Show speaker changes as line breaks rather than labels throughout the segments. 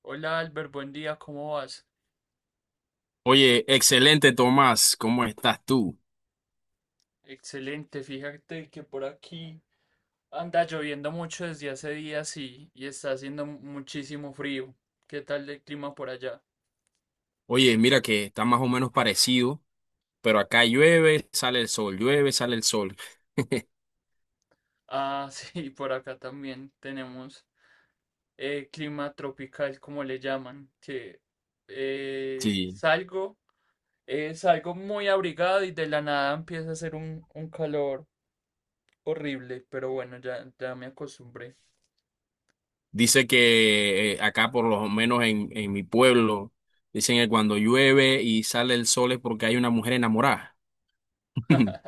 Hola Albert, buen día, ¿cómo vas?
Oye, excelente Tomás, ¿cómo estás tú?
Excelente, fíjate que por aquí anda lloviendo mucho desde hace días y está haciendo muchísimo frío. ¿Qué tal el clima por allá?
Oye, mira que está más o menos parecido, pero acá llueve, sale el sol, llueve, sale el sol.
Ah, sí, por acá también tenemos clima tropical, como le llaman, eh,
Sí,
salgo, salgo muy abrigado y de la nada empieza a hacer un calor horrible, pero bueno, ya me acostumbré.
dice que acá por lo menos en mi pueblo, dicen que cuando llueve y sale el sol es porque hay una mujer enamorada.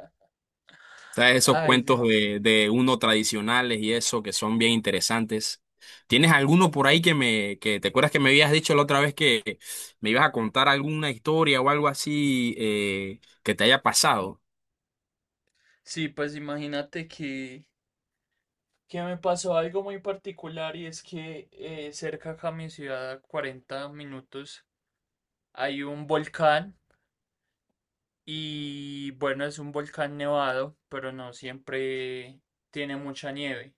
¿Sabes? Esos
Ay, sí.
cuentos de uno tradicionales y eso que son bien interesantes. ¿Tienes alguno por ahí que te acuerdas que me habías dicho la otra vez que me ibas a contar alguna historia o algo así que te haya pasado?
Sí, pues imagínate que me pasó algo muy particular, y es que cerca acá a mi ciudad, a 40 minutos, hay un volcán. Y bueno, es un volcán nevado, pero no siempre tiene mucha nieve.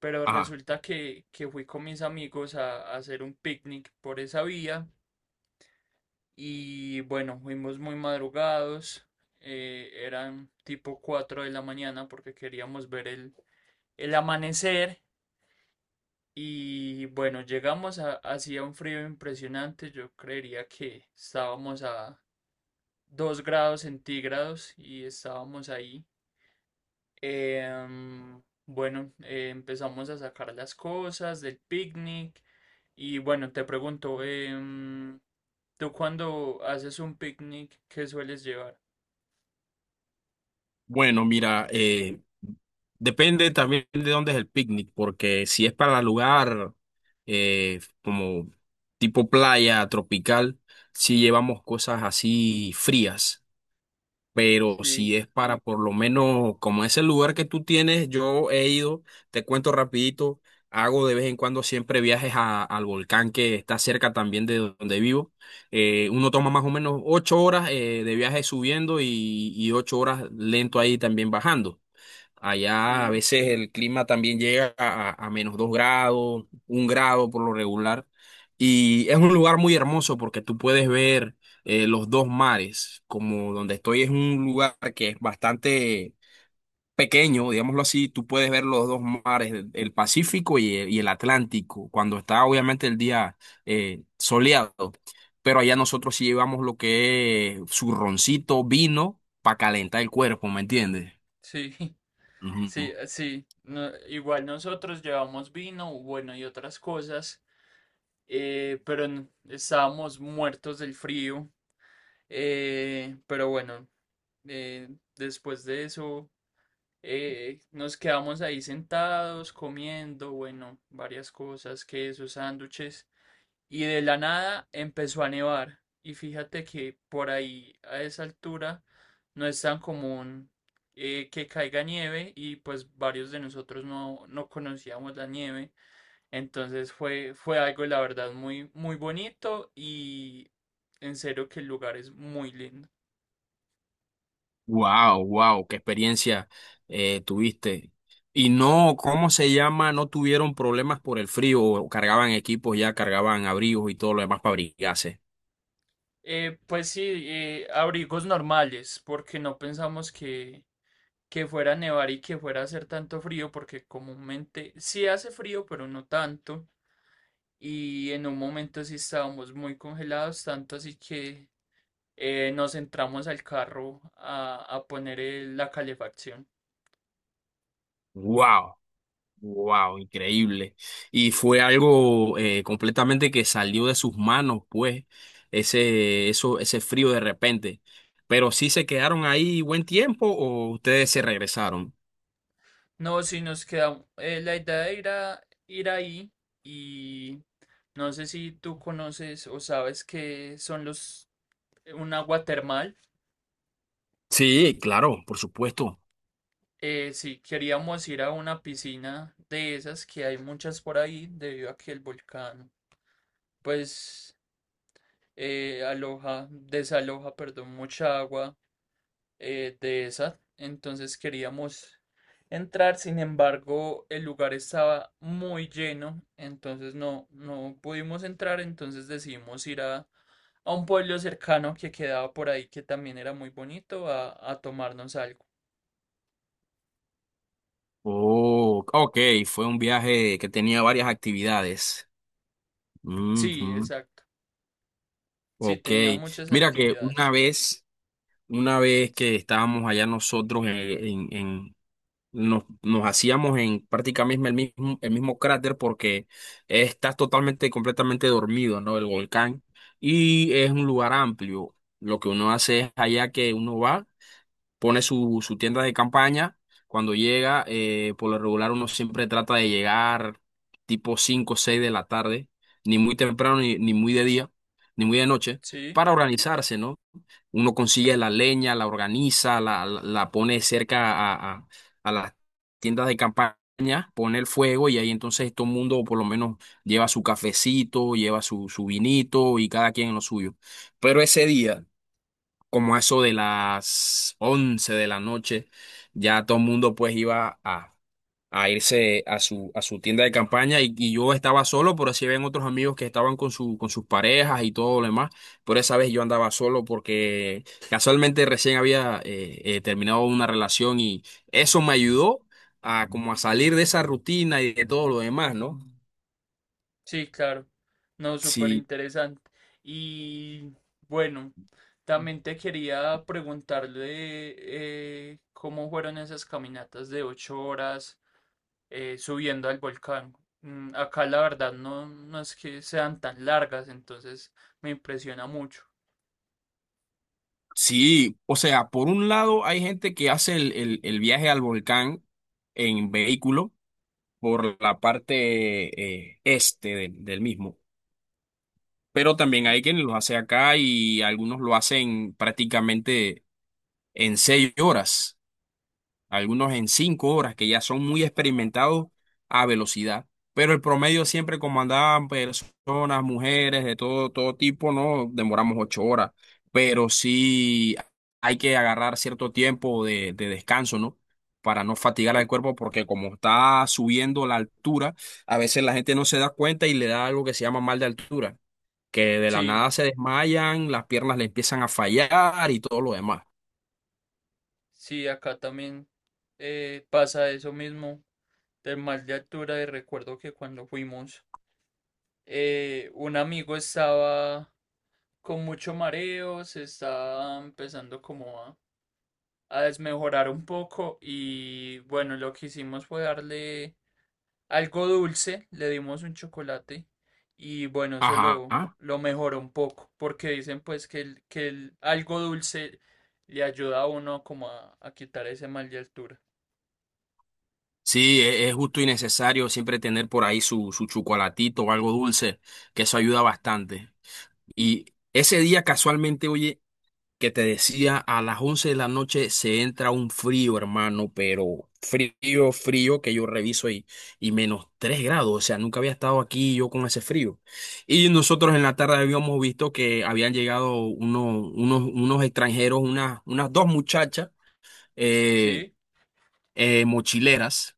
Pero
Ajá.
resulta que fui con mis amigos a hacer un picnic por esa vía, y bueno, fuimos muy madrugados. Eran tipo 4 de la mañana porque queríamos ver el amanecer. Y bueno, llegamos a, hacía un frío impresionante, yo creería que estábamos a 2 grados centígrados y estábamos ahí. Bueno, empezamos a sacar las cosas del picnic, y bueno, te pregunto, ¿tú cuando haces un picnic, qué sueles llevar?
Bueno, mira, depende también de dónde es el picnic, porque si es para lugar como tipo playa tropical, si llevamos cosas así frías, pero
Sí,
si es para por lo menos, como es el lugar que tú tienes, yo he ido, te cuento rapidito, hago de vez en cuando siempre viajes al volcán que está cerca también de donde vivo. Uno toma más o menos ocho horas de viaje subiendo y ocho horas lento ahí también bajando. Allá a
sí,
veces el clima también llega a menos dos grados, un grado por lo regular. Y es un lugar muy hermoso porque tú puedes ver los dos mares. Como donde estoy es un lugar que es bastante pequeño, digámoslo así, tú puedes ver los dos mares, el Pacífico y el Atlántico, cuando está obviamente el día soleado. Pero allá nosotros sí llevamos lo que es zurroncito, vino, para calentar el cuerpo, ¿me entiendes?
sí, sí,
Ujú.
sí. No- igual nosotros llevamos vino, bueno, y otras cosas. Pero n- estábamos muertos del frío. eh, pero bueno, eh, después de eso nos quedamos ahí sentados comiendo, bueno, varias cosas, quesos, sándwiches, y de la nada empezó a nevar. Y fíjate que por ahí a esa altura no es tan común que caiga nieve, y pues varios de nosotros no conocíamos la nieve. Entonces fue algo, la verdad, muy bonito, y en serio que el lugar es muy lindo.
Wow, wow, qué experiencia tuviste. Y no, ¿cómo se llama? No tuvieron problemas por el frío, o cargaban equipos ya, cargaban abrigos y todo lo demás para abrigarse.
Pues sí, abrigos normales, porque no pensamos que fuera a nevar y que fuera a hacer tanto frío, porque comúnmente sí hace frío, pero no tanto. Y en un momento sí estábamos muy congelados, tanto así que nos entramos al carro a poner el- la calefacción.
Wow, wow, increíble. Y fue algo completamente que salió de sus manos, pues, ese frío de repente. Pero sí se quedaron ahí buen tiempo o ustedes se regresaron.
No, si nos queda la idea de ir a ir ahí y no sé si tú conoces o sabes qué son los un agua termal.
Sí, claro, por supuesto.
Si queríamos ir a una piscina de esas que hay muchas por ahí debido a que el volcán pues aloja, desaloja, perdón, mucha agua de esa. Entonces queríamos entrar, sin embargo, el lugar estaba muy lleno, entonces no pudimos entrar, entonces decidimos ir a un pueblo cercano que quedaba por ahí, que también era muy bonito, a tomarnos algo.
Oh, ok, fue un viaje que tenía varias actividades.
Sí,
Ujú.
exacto. Sí,
Ok,
tenía muchas
mira que
actividades.
una vez que estábamos allá nosotros nos, nos hacíamos en prácticamente el mismo cráter porque estás totalmente, completamente dormido, ¿no? El volcán y es un lugar amplio. Lo que uno hace es allá que uno va, pone su, su tienda de campaña. Cuando llega, por lo regular uno siempre trata de llegar tipo 5 o 6 de la tarde, ni muy temprano, ni, ni muy de día, ni muy de noche,
Sí.
para organizarse, ¿no? Uno consigue la leña, la organiza, la pone cerca a las tiendas de campaña, pone el fuego y ahí entonces todo el mundo por lo menos lleva su cafecito, lleva su, su vinito y cada quien lo suyo. Pero ese día como a eso de las 11 de la noche, ya todo el mundo pues iba a irse a su tienda de campaña y yo estaba solo, pero así ven otros amigos que estaban con sus parejas y todo lo demás, pero esa vez yo andaba solo porque casualmente recién había terminado una relación y eso me ayudó a como a salir de esa rutina y de todo lo demás, ¿no?
Sí, claro. No, súper
Sí.
interesante. Y bueno, también te quería preguntarle cómo fueron esas caminatas de 8 horas subiendo al volcán. Mm, acá la verdad no es que sean tan largas, entonces me impresiona mucho.
Sí, o sea, por un lado hay gente que hace el viaje al volcán en vehículo por la parte este del, del mismo. Pero también
¿Sí?
hay quienes los hace acá y algunos lo hacen prácticamente en seis horas, algunos en cinco horas, que ya son muy experimentados a velocidad. Pero el promedio siempre, como andaban personas, mujeres, de todo, todo tipo, no demoramos ocho horas. Pero sí hay que agarrar cierto tiempo de descanso, ¿no? Para no fatigar al cuerpo, porque como está subiendo la altura, a veces la gente no se da cuenta y le da algo que se llama mal de altura, que de la
Sí,
nada se desmayan, las piernas le empiezan a fallar y todo lo demás.
sí, acá también pasa eso mismo del mal de altura, y recuerdo que cuando fuimos, un amigo estaba con mucho mareo, se está empezando como a desmejorar un poco, y bueno, lo que hicimos fue darle algo dulce, le dimos un chocolate, y bueno, eso
Ajá.
lo mejoró un poco porque dicen pues que el algo dulce le ayuda a uno como a quitar ese mal de altura.
Sí, es justo y necesario siempre tener por ahí su, su chocolatito o algo dulce, que eso ayuda bastante. Y ese día casualmente, oye, que te decía, a las 11 de la noche se entra un frío, hermano, pero frío, frío, que yo reviso y menos 3 grados, o sea, nunca había estado aquí yo con ese frío. Y nosotros en la tarde habíamos visto que habían llegado unos extranjeros, unas dos muchachas, eh,
Sí,
mochileras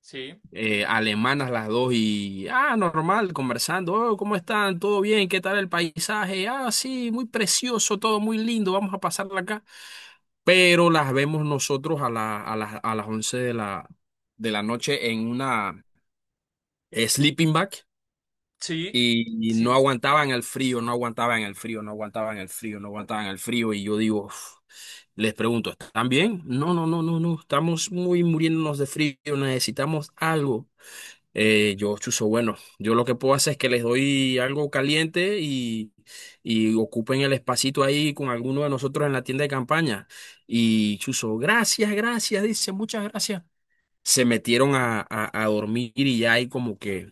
sí,
alemanas las dos y, ah, normal, conversando, oh, ¿cómo están? ¿Todo bien? ¿Qué tal el paisaje? Ah, sí, muy precioso, todo muy lindo, vamos a pasarla acá. Pero las vemos nosotros a las 11 de la noche en una sleeping bag
sí,
y no
sí,
aguantaban el frío, no aguantaban el frío, no aguantaban el frío, no aguantaban el frío y yo digo... "Uf". Les pregunto, ¿están bien? No, no, no, no, no, estamos muy muriéndonos de frío, necesitamos algo. Yo, chuzo, bueno, yo lo que puedo hacer es que les doy algo caliente y ocupen el espacito ahí con alguno de nosotros en la tienda de campaña. Y chuzo, gracias, gracias, dice, muchas gracias. Se metieron a dormir y ya ahí como que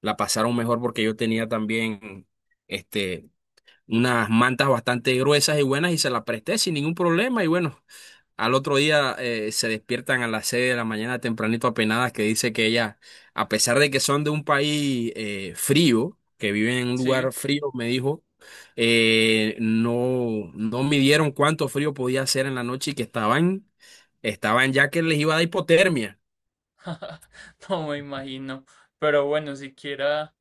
la pasaron mejor porque yo tenía también este, unas mantas bastante gruesas y buenas y se las presté sin ningún problema y bueno. Al otro día se despiertan a las 6 de la mañana tempranito apenadas que dice que ella, a pesar de que son de un país frío, que viven en un
sí.
lugar frío, me dijo, no, no midieron cuánto frío podía hacer en la noche y que estaban, estaban ya que les iba a dar hipotermia.
No me imagino. Pero bueno, siquiera...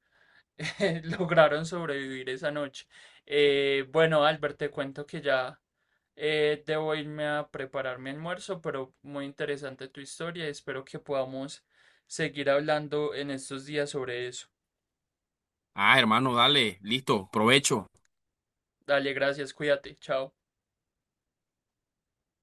Lograron sobrevivir esa noche. Bueno, Albert, te cuento que ya debo irme a preparar mi almuerzo, pero muy interesante tu historia. Espero que podamos seguir hablando en estos días sobre eso.
Ah, hermano, dale, listo, provecho.
Dale, gracias, cuídate, chao.